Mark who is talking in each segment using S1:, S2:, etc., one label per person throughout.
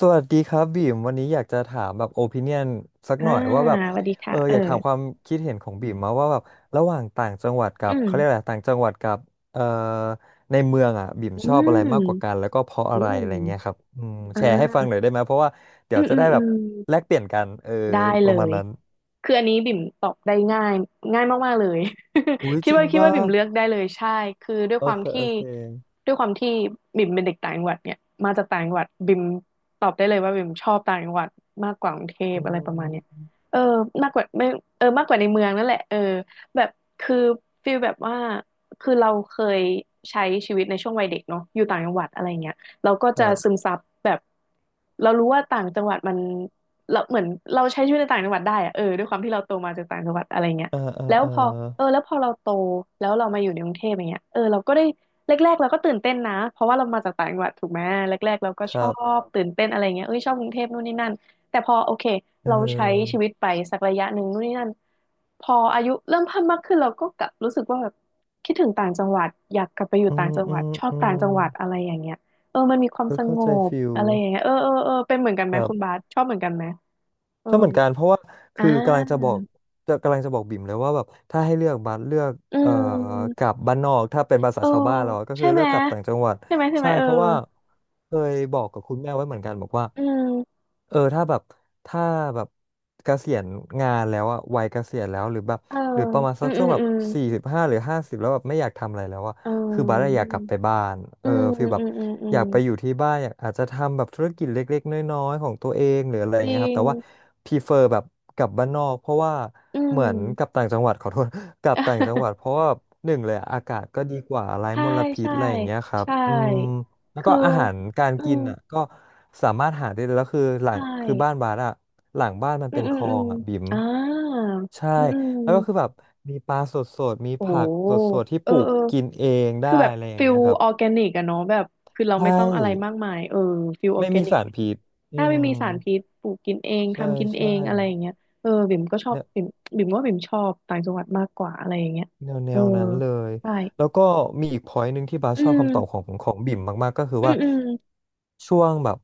S1: สวัสดีครับบีมวันนี้อยากจะถามแบบโอปิเนียนสัก
S2: อ่า
S1: หน่อยว่าแบบ
S2: สวัสดีค่ะ
S1: อยากถามความคิดเห็นของบีมมาว่าแบบระหว่างต่างจังหวัดกั
S2: อื
S1: บเขาเรียก
S2: ม
S1: อะไรต่างจังหวัดกับเอ่อในเมืองอ่ะบีม
S2: อื
S1: ชอบอะไรมากกว่ากัน
S2: ม
S1: แล้วก็เพราะ
S2: อื
S1: อะไรอะ
S2: ม
S1: ไรเงี้ยครับอืม
S2: อ่
S1: แชร์ให้ฟัง
S2: า
S1: หน่อยได้ไหมเพราะว่าเดี๋
S2: อื
S1: ยว
S2: ม
S1: จะ
S2: อื
S1: ได้
S2: ม
S1: แบ
S2: อื
S1: บ
S2: ม
S1: แลกเปลี่ยนกัน
S2: ได้
S1: ป
S2: เล
S1: ระมาณ
S2: ย
S1: นั้น
S2: คืออันนี้บิ่มตอบได้ง่ายมากๆเลย
S1: อุ้ย
S2: คิ
S1: จ
S2: ด
S1: ริง
S2: ว่าคิด
S1: ป่ะ
S2: ว่าบิ่มเลือกได้เลยใช่คือด้วย
S1: โอ
S2: ความ
S1: เค
S2: ที่
S1: โอเค
S2: ด้วยความที่บิ่มเป็นเด็กต่างจังหวัดเนี่ยมาจากต่างจังหวัดบิ่มตอบได้เลยว่าบิ่มชอบต่างจังหวัดมากกว่ากรุงเทพ
S1: อื
S2: อะไรประมาณเนี้ย
S1: ม
S2: เออมากกว่าไม่เออมากกว่าในเมืองนั่นแหละเออแบบคือฟีลแบบว่าคือเราเคยใช้ชีวิตในช่วงวัยเด็กเนาะอยู่ต่างจังหวัดอะไรเงี้ยเราก็
S1: ค
S2: จะ
S1: รั
S2: ซึ
S1: บ
S2: มซับแบบเรารู้ว่าต่างจังหวัดมัน เราเหมือนเราใช้ชีวิตในต่างจังหวัดได้อะเออด้วยความที่เราโตมาจากต่างจังหวัดอะไรเงี้ย
S1: เออเออ
S2: แล้ว
S1: เออ
S2: พอเออแล้วพอเราโตแล้วเรามาอยู่ในกรุงเทพอย่างเงี้ยเออเราก็ได้แรกๆเราก็ตื่นเต้นนะเพราะว่าเรามาจากต่างจังหวัดถูกไหมแรกๆเราก็
S1: ค
S2: ช
S1: รั
S2: อ
S1: บ
S2: บตื่นเต้นอะไรเงี้ยเอ้ยชอบกรุงเทพนู่นนี่นั่นแต่พอโอเค
S1: เ
S2: เราใช้ชี
S1: ออ
S2: วิตไปสักระยะหนึ่งนู่นนี่นั่นพออายุเริ่มเพิ่มมากขึ้นเราก็กลับรู้สึกว่าแบบคิดถึงต่างจังหวัดอยากกลับไปอยู่
S1: อื
S2: ต่า
S1: ม
S2: งจัง
S1: อื
S2: หวัด
S1: ม
S2: ชอบ
S1: อื
S2: ต่าง
S1: ม
S2: จังหวัดอะไรอย่างเงี้ยเออมันมีความ
S1: เออ
S2: ส
S1: เข้า
S2: ง
S1: ใจ
S2: บ
S1: ฟิล
S2: อะไรอย่างเงี้ยเออเออเออเป็นเหมือนกันไห
S1: ค
S2: ม
S1: รั
S2: คุณบา
S1: บ
S2: สชอบเหมือนกันไหม เออ
S1: ชอบเหมือนกันเพราะว่าคือ
S2: อ่า
S1: กำลังจะบอกกำลังจะบอกบิ่มเลยว่าแบบถ้าให้เลือกบัสเลือก
S2: อื
S1: เอ่อกลั
S2: ม
S1: บบ้านนอกถ้าเป็นภาษา
S2: เออ
S1: ชาวบ้านเราอะก็
S2: ใช่
S1: คือ
S2: ไห
S1: เลื
S2: ม
S1: อกกลับต่างจังหวัด
S2: ใช่ไหมใช่ไหม
S1: ใช่
S2: เออ
S1: เพราะว่าเคยบอกกับคุณแม่ไว้เหมือนกันบอกว่า
S2: อืม
S1: ถ้าแบบถ้าแบบเกษียณงานแล้วอะวัยเกษียณแล้วหรือแบบ
S2: เออ
S1: หรือประมาณ
S2: อื
S1: สัก
S2: มอื
S1: ช่วง
S2: ม
S1: แบบ
S2: อืม
S1: 45หรือ50แล้วแบบไม่อยากทำอะไรแล้วอะ
S2: เอ
S1: คือบัสอะอ
S2: อ
S1: ยากกลับไปบ้านเอ
S2: อื
S1: อ
S2: ม
S1: ฟีลแบ
S2: อื
S1: บ
S2: มอืมอื
S1: อ
S2: ม
S1: ยากไปอยู่ที่บ้านอยากอาจจะทำแบบธุรกิจเล็กๆน้อยๆของตัวเองหรืออะไรอ
S2: จ
S1: ย่างเงี้
S2: ริ
S1: ยครับ
S2: ง
S1: แต่ว่าพีเฟอร์แบบกลับบ้านนอกเพราะว่า
S2: อื
S1: เหมือนกลับ
S2: ม
S1: ต่างจังหวัด ขอโทษ กลับต่างจังหวัด เพราะว่าหนึ่งเลยอะอากาศก็ดีกว่าไร้
S2: ใช่
S1: มลพิษ
S2: ใช่
S1: อะไรอย่างเงี้ยครับ
S2: ใช่
S1: อืม แล้วก็
S2: คือ
S1: อาหารการ
S2: อื
S1: กิน
S2: ม
S1: อ่ะก็สามารถหาได้เลยแล้วคือหลั
S2: ใช
S1: งคือบ้าน
S2: ่
S1: บาสอ่ะหลังบ้านมัน
S2: อื
S1: เป็
S2: ม
S1: น
S2: อื
S1: ค
S2: ม
S1: ลอ
S2: อืม
S1: งอ่ะบิ่ม
S2: อ่า
S1: ใช่
S2: อืมอื
S1: แล้วก็คือ
S2: ม
S1: แบบมีปลาสดๆมี
S2: โอ้
S1: ผักสดๆที่
S2: เอ
S1: ป
S2: อ
S1: ลูก
S2: เออ
S1: กินเองได้
S2: คือแบบ
S1: อะไรอย่าง
S2: ฟิล
S1: เงี้ยครับ
S2: ออร์แกนิกอะเนาะแบบคือเรา
S1: ใช
S2: ไม่ต้องอะไรมา
S1: ่
S2: กมายเออฟิลออ
S1: ไม่
S2: ร์แก
S1: มี
S2: นิก
S1: สาร
S2: ไปอี
S1: พิ
S2: ก
S1: ษอื
S2: ถ้าไม่
S1: ม
S2: มีสารพิษปลูกกินเอง
S1: ใช่
S2: ทำกินเอ
S1: ใช่
S2: งอะไรอย่างเงี้ยเออบิ่มก็ชอบบิ่มบิ่มว่าบิ่มชอบต่างจังหวัดมากกว่าอะไรอย่างเงี้ย
S1: แนวแน
S2: เออ
S1: วนั้นเลย
S2: ใช่
S1: แล้วก็มีอีก point หนึ่งที่บาส
S2: อื
S1: ชอบคำตอบขอ
S2: ม
S1: งของบิ่มมากๆก็คือ
S2: อืม
S1: ว่า
S2: อืม
S1: ช่วงแบบ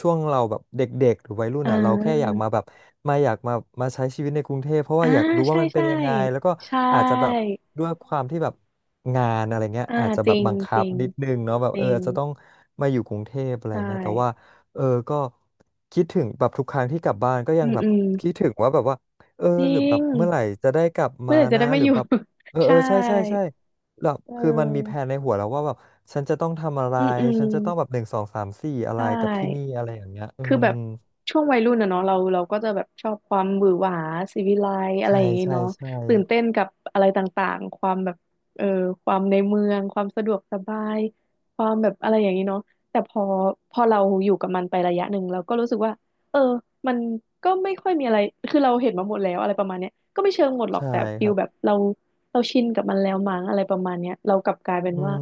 S1: ช่วงเราแบบเด็กๆหรือวัยรุ่น
S2: อ่
S1: อ่ะเราแค่อยาก
S2: า
S1: มาแบบอยากมามาใช้ชีวิตในกรุงเทพเพราะ
S2: อ่า
S1: ว่าอยากรู้ว่า
S2: ใช่
S1: มันเป็
S2: ใช่
S1: นยังไงแล้วก็
S2: ใช่
S1: อาจจะแบบด้วยความที่แบบงานอะไรเงี้ย
S2: อ่า
S1: อาจจะ
S2: จ
S1: แบ
S2: ริ
S1: บ
S2: ง
S1: บัง
S2: จ
S1: คับ
S2: ริง
S1: นิดนึงเนาะแบบ
S2: จริง
S1: อาจจะต้องมาอยู่กรุงเทพอะไร
S2: ใช่
S1: เงี้ยแต่ว่าเออก็คิดถึงแบบทุกครั้งที่กลับบ้านก็ยั
S2: อื
S1: ง
S2: ม
S1: แบ
S2: อื
S1: บ
S2: ม
S1: คิดถึงว่าแบบว่า
S2: จริ
S1: หรือแบ
S2: ง
S1: บเมื่อไหร่จะได้กลับ
S2: เมื่
S1: มา
S2: อไหร่จะ
S1: นะ
S2: ได้มา
S1: หรื
S2: อ
S1: อ
S2: ยู่
S1: แบบ เออ เอ
S2: ใช่
S1: อใช่ใช่ใช่แบบ
S2: เ
S1: คือมันมีแผ
S2: ออ
S1: นในหัวแล้วว่าแบบฉันจะต้องทำอะไร
S2: อืมอืม
S1: ฉันจะต้องแบบหนึ่งสองสามสี่อะไร
S2: ใช่
S1: กับที่นี่อะไรอย่างเงี้ยอื
S2: คือแบ
S1: ม
S2: บช่วงวัยรุ่นอะเนาะเราก็จะแบบชอบความหวือหวาศิวิไลซ์อะไร
S1: ใช่
S2: อย่างงี้
S1: ใช่
S2: เนาะ
S1: ใช่
S2: ตื่นเต้นกับอะไรต่างๆความแบบเออความในเมืองความสะดวกสบายความแบบอะไรอย่างงี้เนาะแต่พอเราอยู่กับมันไประยะหนึ่งเราก็รู้สึกว่าเออมันก็ไม่ค่อยมีอะไรคือเราเห็นมาหมดแล้วอะไรประมาณเนี้ยก็ไม่เชิงหมดหรอก
S1: ใช่
S2: แต่ฟิ
S1: ค
S2: ล
S1: รับ
S2: แบบเราเราชินกับมันแล้วมั้งอะไรประมาณเนี้ยเรากลับกลายเป็น
S1: อื
S2: ว่า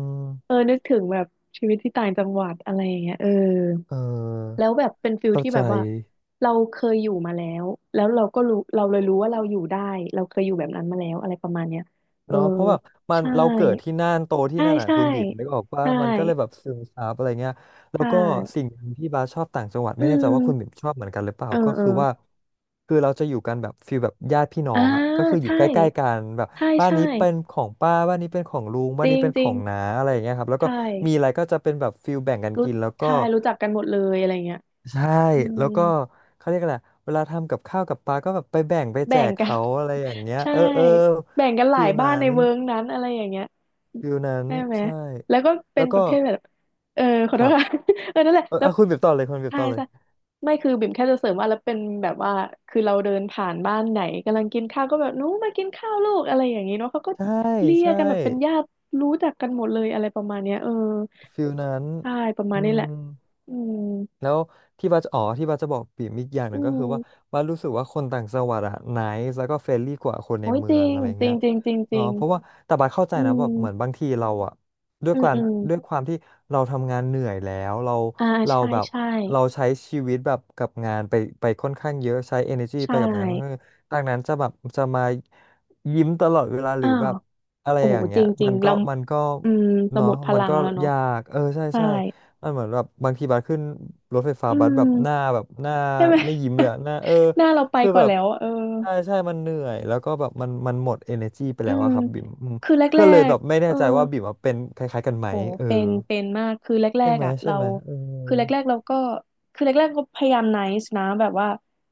S2: เอ
S1: ม
S2: อนึกถึงแบบชีวิตที่ต่างจังหวัดอะไรอย่างเงี้ยเออ
S1: เออ
S2: แล้วแบบเป็นฟิล
S1: เข้า
S2: ที่
S1: ใจ
S2: แบบว่าเราเคยอยู่มาแล้วแล้วเราก็รู้เราเลยรู้ว่าเราอยู่ได้เราเคยอยู่แบบนั้นมาแล้วอะไรประมาณเนี้ยเออ
S1: เนาะเพราะแบบมัน
S2: ใช่
S1: เราเกิดที่น่านโตที่
S2: ใช่
S1: นั่นอ่ะ
S2: ใช่
S1: คุณบีมนึกออกว่า
S2: ใช่
S1: มันก็เลยแบบซึมซับอะไรเงี้ยแล้ว
S2: ใช่
S1: ก็สิ่งหนึ่งที่บาสชอบต่างจังหวัด
S2: อื
S1: ไม่แน่ใจว่าคุณบีม
S2: ม
S1: ชอบเหมือนกันหรือเปล่า
S2: เออ
S1: ก็
S2: เออ
S1: คือว่าคือเราจะอยู่กันแบบฟีลแบบญาติพี่น้อ
S2: อ่า
S1: งอ่ะก็คืออยู่
S2: ใช่
S1: ใกล้ๆกันแบบ
S2: ใช่
S1: บ้าน
S2: ใช่
S1: นี้เป็นของป้าบ้านนี้เป็นของลุง
S2: จ
S1: บ้าน
S2: ริ
S1: นี้
S2: ง
S1: เป็น
S2: จ
S1: ข
S2: ริ
S1: อ
S2: ง
S1: งน้าอะไรอย่างเงี้ยครับแล้ว
S2: ใช่
S1: ก็มีอะไรก็จะเป็นแบบฟีลแบ่งกัน
S2: รู้
S1: กินแล้วก็
S2: ใช่รู้จักกันหมดเลยอะไรเงี้ย
S1: ใช่
S2: อื
S1: แล้
S2: ม
S1: วก็เขาเรียกอะไรเวลาทำกับข้าวกับปลาก็แบบไปแบ่งไปแจ
S2: แบ่ง
S1: ก
S2: กัน
S1: เขาอะไรอย่างเงี้ย
S2: ใช่
S1: เออเออ
S2: แบ่งกันห
S1: ฟี
S2: ลาย
S1: ล
S2: บ้า
S1: นั้
S2: นใน
S1: น
S2: เวิร์กนั้นอะไรอย่างเงี้ย
S1: ฟิลนั้น
S2: ใช่ไหม
S1: ใช่
S2: แล้วก็เป็
S1: แล้
S2: น
S1: ว
S2: ป
S1: ก็
S2: ระเภทแบบเออขอ
S1: ค
S2: โท
S1: รั
S2: ษ
S1: บ
S2: ค่ะ เออนั่นแหละแล้ว
S1: อ่ะคุณเบบต่อเลยคุณเบบ
S2: ใช่
S1: ต่อเลย
S2: ใช่ไม่คือบิ่มแค่จะเสริมว่าแล้วเป็นแบบว่าคือเราเดินผ่านบ้านไหนกำลังกินข้าวก็แบบหนู้มากินข้าวลูกอะไรอย่างงี้เนาะเขาก็
S1: ใช่
S2: เรียก
S1: ใช่
S2: กันแบบเป็นญาติรู้จักกันหมดเลยอะไรประมาณเนี้ยเออ
S1: ฟิลนั้น
S2: ใช่ประมา
S1: อื
S2: ณนี้แหละ
S1: ม
S2: อืม
S1: แล้วที่บัสอ๋อที่บัสจะบอกปิ่มอีกอย่างห
S2: อื
S1: นึ่งก็คือว่า
S2: ม
S1: บัสรู้สึกว่าคนต่างจังหวัดอะไนซ์แล้วก็เฟรนลี่กว่าคนใน
S2: โอ้ย
S1: เมื
S2: จ
S1: อ
S2: ริ
S1: ง
S2: ง
S1: อะไร
S2: จริ
S1: เงี้
S2: ง
S1: ย
S2: จริงจริงจริ
S1: เนาะ
S2: ง
S1: เพราะว่าแต่บัสเข้าใจ
S2: อื
S1: นะแบบเหมือนบา
S2: ม
S1: งทีเราอะด้วย
S2: อืม
S1: การ
S2: อืม
S1: ด้วยความที่เราทำงานเหนื่อยแล้วเรา
S2: อ่า
S1: เรา
S2: ใช่
S1: แบบ
S2: ใช่
S1: เราใช้ชีวิตแบบกับงานไปค่อนข้างเยอะใช้ energy
S2: ใช่
S1: ไปกับงานค่อนข้างเยอะดังนั้นจะแบบจะมายิ้มตลอดเวลาหรื
S2: อ้า
S1: อแบ
S2: ว
S1: บอะไร
S2: โอ้
S1: อ
S2: โห
S1: ย่าง
S2: จ
S1: เงี้ย
S2: ริ
S1: มั
S2: ง
S1: น
S2: ๆ
S1: ก็
S2: เรา
S1: มันก็
S2: อืมเราห
S1: เนาะ
S2: มดพ
S1: มัน
S2: ลัง
S1: ก็
S2: แล้วเนาะ
S1: ยากใช่
S2: ใช่
S1: ใช่ มันเหมือนแบบบางทีบัสขึ้นรถไฟฟ้า
S2: อื
S1: บัสแบบหน้า
S2: ม
S1: แบบหน้า
S2: ใช่ไหม
S1: ไม่ยิ้มเลย อะหน้า
S2: หน้าเราไป
S1: คือ
S2: ก่อ
S1: แบ
S2: น
S1: บ
S2: แล้วอะเออ
S1: ใช่ใช่มันเหนื่อยแล้วก็แบบมันหมด energy ไป
S2: อื
S1: แล้ว
S2: ม
S1: อะครับบิ่มอืม
S2: คือแร
S1: ก็เลยแบ
S2: ก
S1: บไม่
S2: ๆ
S1: แน่
S2: เออ
S1: ใจว่าบิ่มอะเป็นคล้ายๆกันไหม
S2: โอ้
S1: เออ
S2: เป็นเป็นมากคือแร
S1: ใช่
S2: ก
S1: ไหม
S2: ๆอ่ะ
S1: ใช่
S2: เรา
S1: ไหมเออ
S2: คือแรกๆเราก็คือแรกๆก็พยายามไนซ์นะแบบว่า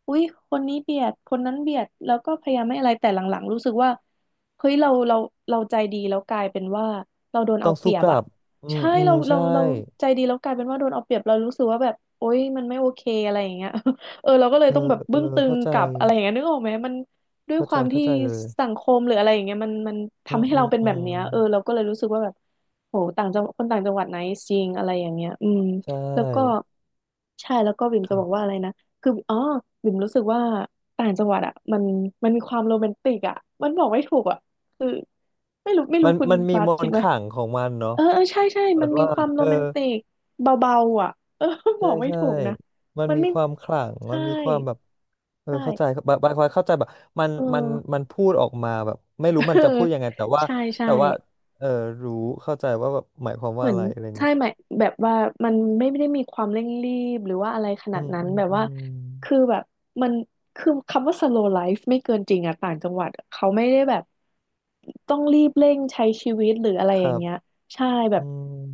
S2: อุ๊ยคนนี้เบียดคนนั้นเบียดแล้วก็พยายามไม่อะไรแต่หลังๆรู้สึกว่าเฮ้ยเราใจดีแล้วกลายเป็นว่าเราโดน
S1: ต้อ
S2: เอา
S1: ง
S2: เป
S1: สู้
S2: รีย
S1: ก
S2: บ
S1: ลั
S2: อ่ะ
S1: บอืม
S2: ใช่
S1: อืม
S2: เราเรา
S1: ใช่
S2: เราใจดีแล้วกลายเป็นว่าโดนเอาเปรียบเรารู้สึกว่าแบบโอ๊ยมันไม่โอเคอะไรอย่างเงี้ย เออเราก็เลย
S1: เออ
S2: ต้องแบบ
S1: เอ
S2: บึ้
S1: อ
S2: งตึง
S1: เข้าใจ
S2: กลับอะไรอย่างเงี้ยนึกออกไหมมันด้วย
S1: เข้า
S2: ค
S1: ใจ
S2: วาม
S1: เข้า
S2: ที่
S1: ใจเลย
S2: สังคมหรืออะไรอย่างเงี้ยมัน
S1: อื
S2: ทำ
S1: ม
S2: ให้
S1: อื
S2: เรา
S1: ม
S2: เป็น
S1: อื
S2: แบบ
S1: ม
S2: เนี้ยเออเราก็เลยรู้สึกว่าแบบ โหต่างจังคนต่างจังหวัดไหนจริงอะไรอย่างเงี้ยอืม
S1: ใช
S2: แล้วก็
S1: ่
S2: ใช่แล้วก็บิ่ม
S1: ค
S2: จะ
S1: รั
S2: บอกว่า
S1: บ
S2: อะไรนะคืออ๋อบิ่มรู้สึกว่าต่างจังหวัดอ่ะมันมีความโรแมนติกอ่ะมันบอกไม่ถูกอ่ะคือไม่รู้ไม่
S1: มั
S2: รู้
S1: น
S2: คุณ
S1: มันมี
S2: บา
S1: ม
S2: สคิ
S1: น
S2: ด
S1: ต์
S2: ไหม
S1: ขลังของมันเนาะ
S2: เออเออใช่ใช่
S1: แบ
S2: มั
S1: บ
S2: นมี
S1: ว่า
S2: ความ
S1: เอ
S2: โร
S1: อ
S2: แมนติกเบาๆอ่ะเออบ
S1: ใช่
S2: อกไม่
S1: ใช่
S2: ถูกนะ
S1: มัน
S2: มัน
S1: มี
S2: ไม่
S1: ความขลังมั
S2: ใช่
S1: นมีความแบบเออเข้าใจ
S2: ใช่
S1: บางคนเข้าใจแบบมัน
S2: เอ
S1: มันมั
S2: อ
S1: นพูดออกมาแบบไม่
S2: เอ
S1: รู้มัน
S2: อ
S1: จะพูดยังไงแต่ว่า
S2: ใช่ใช่
S1: แต่ว่าเออรู้เข้าใจว่าแบบหมายความ
S2: เห
S1: ว่า
S2: มือ
S1: อะ
S2: น
S1: ไรอะไร
S2: ใช่
S1: เงี้ย
S2: ไหมแบบว่ามันไม่ได้มีความเร่งรีบหรือว่าอะไรขนา
S1: อื
S2: ด
S1: ม
S2: นั้น
S1: อืม
S2: แบบ
S1: อื
S2: ว่า
S1: ม
S2: คือแบบมันคือคำว่า slow life ไม่เกินจริงอะต่างจังหวัดเขาไม่ได้แบบต้องรีบเร่งใช้ชีวิตหรืออะไร
S1: ค
S2: อ
S1: รั
S2: ย่าง
S1: บ
S2: เงี้ยใช่แบ
S1: อื
S2: บ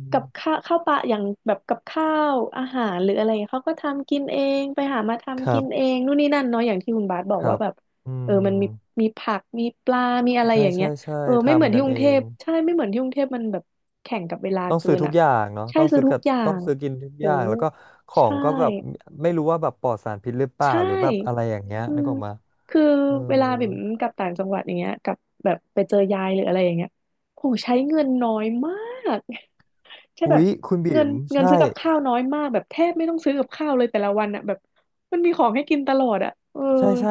S1: ม
S2: กับข้าวข้าวปลาอย่างแบบกับข้าวอาหารหรืออะไรเขาก็ทำกินเองไปหามา
S1: ค
S2: ทำ
S1: รั
S2: กินเอ
S1: บ
S2: งนู่นนี่นั่นเนาะอย่างที่คุณบาสบอ
S1: ค
S2: ก
S1: รั
S2: ว่า
S1: บ
S2: แบบ
S1: อื
S2: เออมัน
S1: ม
S2: มีมีผักมีปลามีอะไรอ
S1: ใช่
S2: ย่างเงี้
S1: ใช่
S2: ย
S1: ใช่
S2: เออไม่เหมือน
S1: ทำ
S2: ที่
S1: กัน
S2: กรุ
S1: เอ
S2: งเท
S1: ง
S2: พใช่ไม่เหมือนที่กรุงเทพมันแบบแข่งกับเวลา
S1: ต้อง
S2: เกิ
S1: ซื้อ
S2: น
S1: ทุก
S2: อ่ะ
S1: อย่างเนาะ
S2: ใช่
S1: ต้อง
S2: ซื้อ
S1: ซื้อ
S2: ทุ
S1: กั
S2: ก
S1: บ
S2: อย่า
S1: ต้อง
S2: ง
S1: ซื้อกินทุก
S2: โห
S1: อย่างแล้วก็ของ
S2: ใช่
S1: ก็แบบไม่รู้ว่าแบบปลอดสารพิษหรือเปล่า
S2: ใช่
S1: หรือแบบอะไรอย่างเงี้ย
S2: อื
S1: นึก
S2: ม
S1: ออกมา
S2: คือ
S1: เออ
S2: เวลาบิ่มกลับต่างจังหวัดอย่างเงี้ยกลับแบบไปเจอยายหรืออะไรอย่างเงี้ยโหใช้เงินน้อยมาก ใช่แบ
S1: อุ๊
S2: บ
S1: ยคุณ
S2: เงิ
S1: บิ๋
S2: น
S1: ม
S2: เงิน
S1: ใช่
S2: ซื้อกับข้าวน้อยมากแบบแทบไม่ต้องซื้อกับข้าวเลยแต่ละวันอ่ะแบบมันมีของให้กินตลอดอ่ะเออ
S1: ใช่ใช่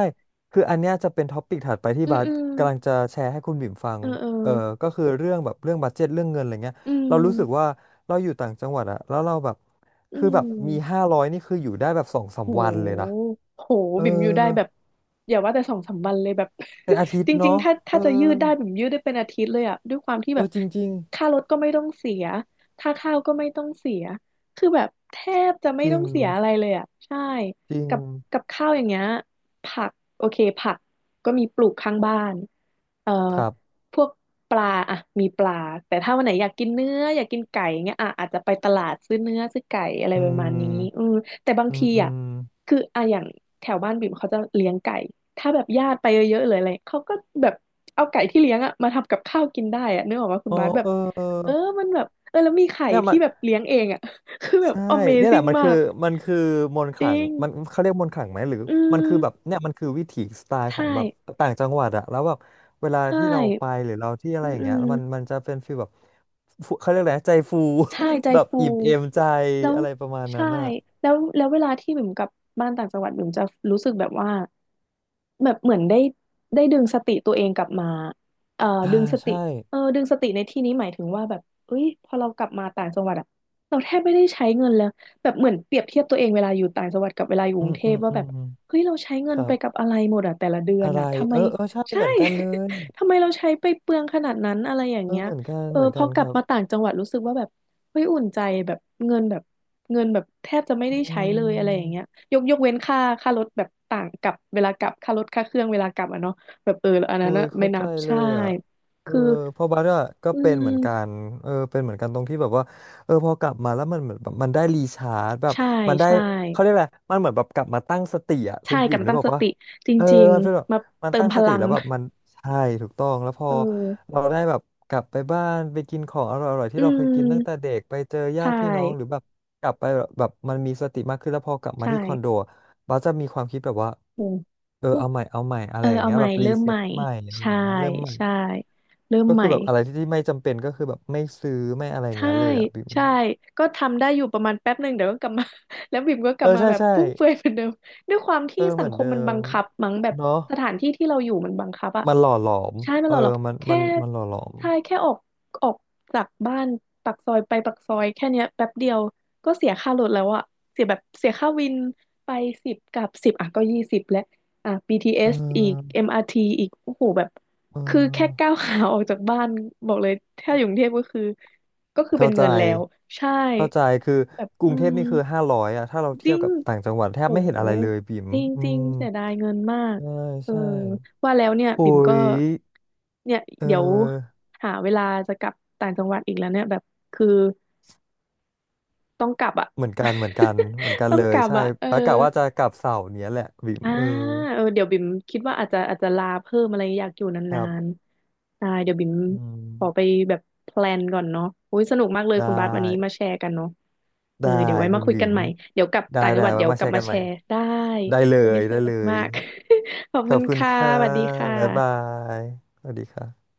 S1: คืออันเนี้ยจะเป็นท็อปิกถัดไปที่
S2: อืม
S1: บาส
S2: อืม
S1: กำลังจะแชร์ให้คุณบิ๋มฟัง
S2: เออเออ
S1: เออ ก็คือเรื่องแบบเรื่องบัดเจ็ตเรื่องเงินอะไรเงี้ย
S2: อื
S1: เรารู้สึกว่า
S2: ม
S1: เราอยู่ต่างจังหวัดอะแล้วเราแบบ
S2: อื
S1: คือแบบมี
S2: ม
S1: ห้าร้อยนี่คืออยู่ได้แบบสองสาม
S2: โห
S1: วันเลยนะ
S2: โห
S1: เออ
S2: บิ่มอยู่ได้แบบอย่าว่าแต่สองสามวันเลยแบบ
S1: เป็นอาทิต
S2: จ
S1: ย์
S2: ริง
S1: เนาะ
S2: ๆถ้า
S1: เออ
S2: ถ้าจะยืดได้บิ่มยืดได้เป็นอาทิตย์เลยอะด้วยความที่
S1: เอ
S2: แบบ
S1: อจริงจริง
S2: ค่ารถก็ไม่ต้องเสียค่าข้าวก็ไม่ต้องเสียคือแบบแทบจะไม่
S1: จริ
S2: ต้อ
S1: ง
S2: งเสียอะไรเลยอะใช่
S1: จริ
S2: กับ
S1: ง
S2: กับข้าวอย่างเงี้ยผักโอเคผักก็มีปลูกข้างบ้านเอ่อ
S1: ครับ
S2: พวกปลาอะมีปลาแต่ถ้าวันไหนอยากกินเนื้ออยากกินไก่เงี้ยอะอาจจะไปตลาดซื้อเนื้อซื้อไก่อะไร
S1: อื
S2: ประมาณนี้อื
S1: ม
S2: มแต่บาง
S1: อืม
S2: ที
S1: อื
S2: อ่ะ
S1: ม
S2: คืออะอย่างแถวบ้านบิ่มเขาจะเลี้ยงไก่ถ้าแบบญาติไปเยอะๆเลยออะไรเขาก็แบบเอาไก่ที่เลี้ยงอะมาทำกับข้าวกินได้อะนึกออกว่าคุณ
S1: อ๋อ
S2: บาสแบบ
S1: เอ
S2: เออ
S1: อ
S2: มันแบบเออแล้วมีไข่
S1: เนี่ยมั
S2: ที่
S1: น
S2: แบบเลี้ยงเองอะ คือแบบ
S1: ใช่เนี่ยแหละ
S2: Amazing
S1: มัน
S2: มา
S1: คือ
S2: ก
S1: มันคือมนต์ข
S2: จ
S1: ลั
S2: ริ
S1: ง
S2: ง
S1: มันเขาเรียกมนต์ขลังไหมหรือ
S2: อื
S1: มันคือแบบ
S2: ม
S1: เนี่ยมันคือวิถีสไตล์ข
S2: ใช่
S1: องแบบต่างจังหวัดอะแล้วแบบเวลา
S2: ใช่
S1: ที่เราไปหรือเราที่อะ
S2: อื
S1: ไร
S2: ม
S1: อย่าง
S2: อื
S1: เงี้ย
S2: ม
S1: มันจะเป็นฟีลแบบฟูเขาเรียกอะไรนะใจฟู
S2: ใช่ใจ
S1: แบบ
S2: ฟู
S1: อิ่มเอมใจ
S2: แล้ว
S1: อะไรประมาณนั้
S2: ใช่
S1: นอะ
S2: แล้วแล้วเวลาที่บิ่มกลับบ้านต่างจังหวัดบิ่มจะรู้สึกแบบว่าแบบเหมือนได้ดึงสติตัวเองกลับมาเอ่อ
S1: อ่า
S2: ดึงสติ
S1: ใช่
S2: เออดึงสติในที่นี้หมายถึงว่าแบบเอ้ยพอเรากลับมาต่างจังหวัดอะเราแทบไม่ได้ใช้เงินแล้วแบบเหมือนเปรียบเทียบตัวเองเวลาอยู่ต่างจังหวัดกับเวลาอยู่ก
S1: อื
S2: รุ
S1: ม
S2: งเท
S1: อื
S2: พ
S1: ม
S2: ว่า
S1: อื
S2: แบบ
S1: ม
S2: เฮ้ยเราใช้เงิ
S1: ค
S2: น
S1: รั
S2: ไปกับ
S1: บ
S2: อะไรหมดอะแต่ละเดือ
S1: อะ
S2: น
S1: ไร
S2: อะทำไม
S1: เออเออใช่
S2: ใช่
S1: เหมือนกันเลย
S2: ทำไมเราใช้ไปเปลืองขนาดนั้นอะไรอย่าง
S1: เออ
S2: เงี้ย
S1: เหมือนกัน
S2: เออ
S1: เหมือน
S2: พ
S1: กั
S2: อ
S1: น
S2: ก
S1: ค
S2: ลับ
S1: รับ
S2: มาต่างจังหวัดรู้สึกว่าแบบเฮ้ยอุ่นใจแบบเงินแบบเงินแบบแทบจะไม่
S1: อื
S2: ได้ใช้เลยอะไรอย่างเงี้ย
S1: ม
S2: ยกเว้นค่ารถแบบต่างกับเวลากลับค่ารถค่าเครื่องเวลากลับอ่ะเนาะแบบเอออัน
S1: โอ้
S2: นั้น
S1: ย
S2: นะไม่
S1: เข้า
S2: นั
S1: ใจ
S2: บ
S1: เล
S2: ใช่
S1: ยอ่ะเออ
S2: คือ
S1: เพอบาร์อะก็
S2: อื
S1: เป็นเหมือนกั
S2: ม
S1: นเออเป็นเหมือนกันตรงที่แบบว่าเออพอกลับมาแล้วมันเหมือนแบบมันได้รีชาร์จแบบ
S2: ใช่
S1: มันได้
S2: ใช่
S1: เขาเรียกอะไรมันเหมือนแบบกลับมาตั้งสติอ่ะคุ
S2: ใช่
S1: ณ
S2: ก
S1: บี
S2: ลับ
S1: ม
S2: มา
S1: นึก
S2: ตั้ง
S1: ออก
S2: ส
S1: ปะ
S2: ติจ
S1: เออ
S2: ริง
S1: มันเป็นแบบ
S2: ๆมา
S1: มัน
S2: เติม
S1: ตั้ง
S2: พ
S1: สติ
S2: ลัง
S1: แล้วแบบมันใช่ถูกต้องแล้วพอ
S2: เออ
S1: เราได้แบบกลับไปบ้านไปกินของอร่อยๆ
S2: อื
S1: ที่เราเคยกินตั้งแต่
S2: ม
S1: เด็กไปเจอญา
S2: ใช่
S1: ติพี่น้องหรือแบบกลับไปแบบแบบมันมีสติมากขึ้นแล้วพอกลับ
S2: ใช
S1: มาที่คอนโด
S2: ่
S1: บัสจะมีความคิดแบบว่า
S2: โอ้
S1: เออเอาใหม่เอาใหม่อะ
S2: เอ
S1: ไร
S2: อ
S1: อย่าง
S2: เอา
S1: เงี้ย
S2: ใหม่
S1: แบบรี
S2: เริ่ม
S1: เซ็
S2: ให
S1: ต
S2: ม่
S1: ใหม่อะไรอ
S2: ใช่
S1: ย่างเงี้ยเริ่มใหม่
S2: ใช่เริ่ม
S1: ก็
S2: ให
S1: คื
S2: ม่
S1: อแบบอะไรที่ไม่จำเป็นก็คือแบบไม่ซื้อไม่อะไรอย่าง
S2: ใช่
S1: เงี้ยเลยอ่ะบิม
S2: ใช่ก็ทำได้อยู่ประมาณแป๊บหนึ่งเดี๋ยวก็กลับมา แล้วบิ่มก็กลั
S1: เอ
S2: บ
S1: อ
S2: มา
S1: ใช่
S2: แบบ
S1: ใช่
S2: ฟุ่มเฟือยเหมือนเดิมด้วยความ
S1: เอ
S2: ที่
S1: อ
S2: สั
S1: เหมื
S2: ง
S1: อ
S2: ค
S1: น
S2: ม
S1: เดิ
S2: มันบั
S1: ม
S2: งคับมั้งแบบ
S1: เนาะ
S2: สถานที่ที่เราอยู่มันบังคับอะ
S1: มันหล่อหลอม
S2: ใช่ไม่
S1: เอ
S2: หร
S1: อ
S2: อกหรอก
S1: มันมั
S2: แค่
S1: นมันหล่อหลอม
S2: ใช่แค่ออกจากบ้านปากซอยไปปากซอยแค่เนี้ยแป๊บเดียวก็เสียค่ารถแล้วอะเสียแบบเสียค่าวินไปสิบกับสิบอ่ะก็20แล้วอ่ะ
S1: เ
S2: BTS อสอีก
S1: ออ
S2: MRT อมอาร์ทีอีกโอ้โหแบบ
S1: เ
S2: คือแค่
S1: ออ
S2: ก้าวขาออกจากบ้านบอกเลยถ้าอยู่กรุงเทพก็คือก็คือเป็
S1: เข้า
S2: น
S1: ใจ
S2: เงินแล้วใช่
S1: เข้าใจคือ
S2: แบบ
S1: กรุ
S2: อื
S1: งเทพ
S2: ม
S1: นี่คือห้าร้อยอะถ้าเรา
S2: จ
S1: เที
S2: ริ
S1: ยบ
S2: ง
S1: กับต่างจังหวัดแท
S2: โห
S1: บไม่เห็นอะไรเลยบิ๋ม
S2: จริง
S1: อื
S2: จริง
S1: ม
S2: เสียดายเงินมาก
S1: ใช่
S2: เออ
S1: ใช่
S2: ว่าแล้วเนี่ย
S1: โอ้
S2: บิ่มก็
S1: ย
S2: เนี่ย
S1: เออ
S2: เดี๋ยวหาเวลาจะกลับต่างจังหวัดอีกแล้วเนี่ยแบบคือต้องกลับอ่ะ
S1: เหมือนกัน เหมือนกัน เหมือนกั น
S2: ต้อ
S1: เล
S2: งก
S1: ย
S2: ลับ
S1: ใช่
S2: อ่ะเออ
S1: แล้วกะว่าจะกลับเสาร์เนี้ยแหละบิ๋ม
S2: อ่า
S1: เออ
S2: เออเดี๋ยวบิ่มคิดว่าอาจจะลาเพิ่มอะไรอยากอยู่
S1: ค
S2: นา
S1: รั
S2: น
S1: บ
S2: ๆได้เดี๋ยวบิ่ม
S1: อืม
S2: ขอไปแบบแพลนก่อนเนาะโอ้ยสนุกมากเลย
S1: ได
S2: คุณบาสวันนี้
S1: ้
S2: มาแชร์กันเนาะเออ
S1: ได้
S2: เดี๋ยวไว้
S1: คุ
S2: มา
S1: ณ
S2: คุย
S1: บิ๋
S2: กัน
S1: ม
S2: ใหม่เดี๋ยวกลับ
S1: ได้
S2: ต่างจั
S1: ได้
S2: งหวัด
S1: ไว้
S2: เดี๋ยว
S1: มา
S2: ก
S1: แช
S2: ลับ
S1: ร์
S2: มา
S1: กัน
S2: แช
S1: ใหม่
S2: ร์ได้
S1: ได้เล
S2: วัน
S1: ย
S2: นี่ส
S1: ได้
S2: นุ
S1: เล
S2: กมา
S1: ย
S2: ก ขอบ
S1: ข
S2: คุ
S1: อบ
S2: ณ
S1: คุณ
S2: ค่ะ
S1: ค่ะ
S2: สวัสดีค
S1: บ๊ายบา
S2: ่ะ
S1: ยสวัสดีค่ะ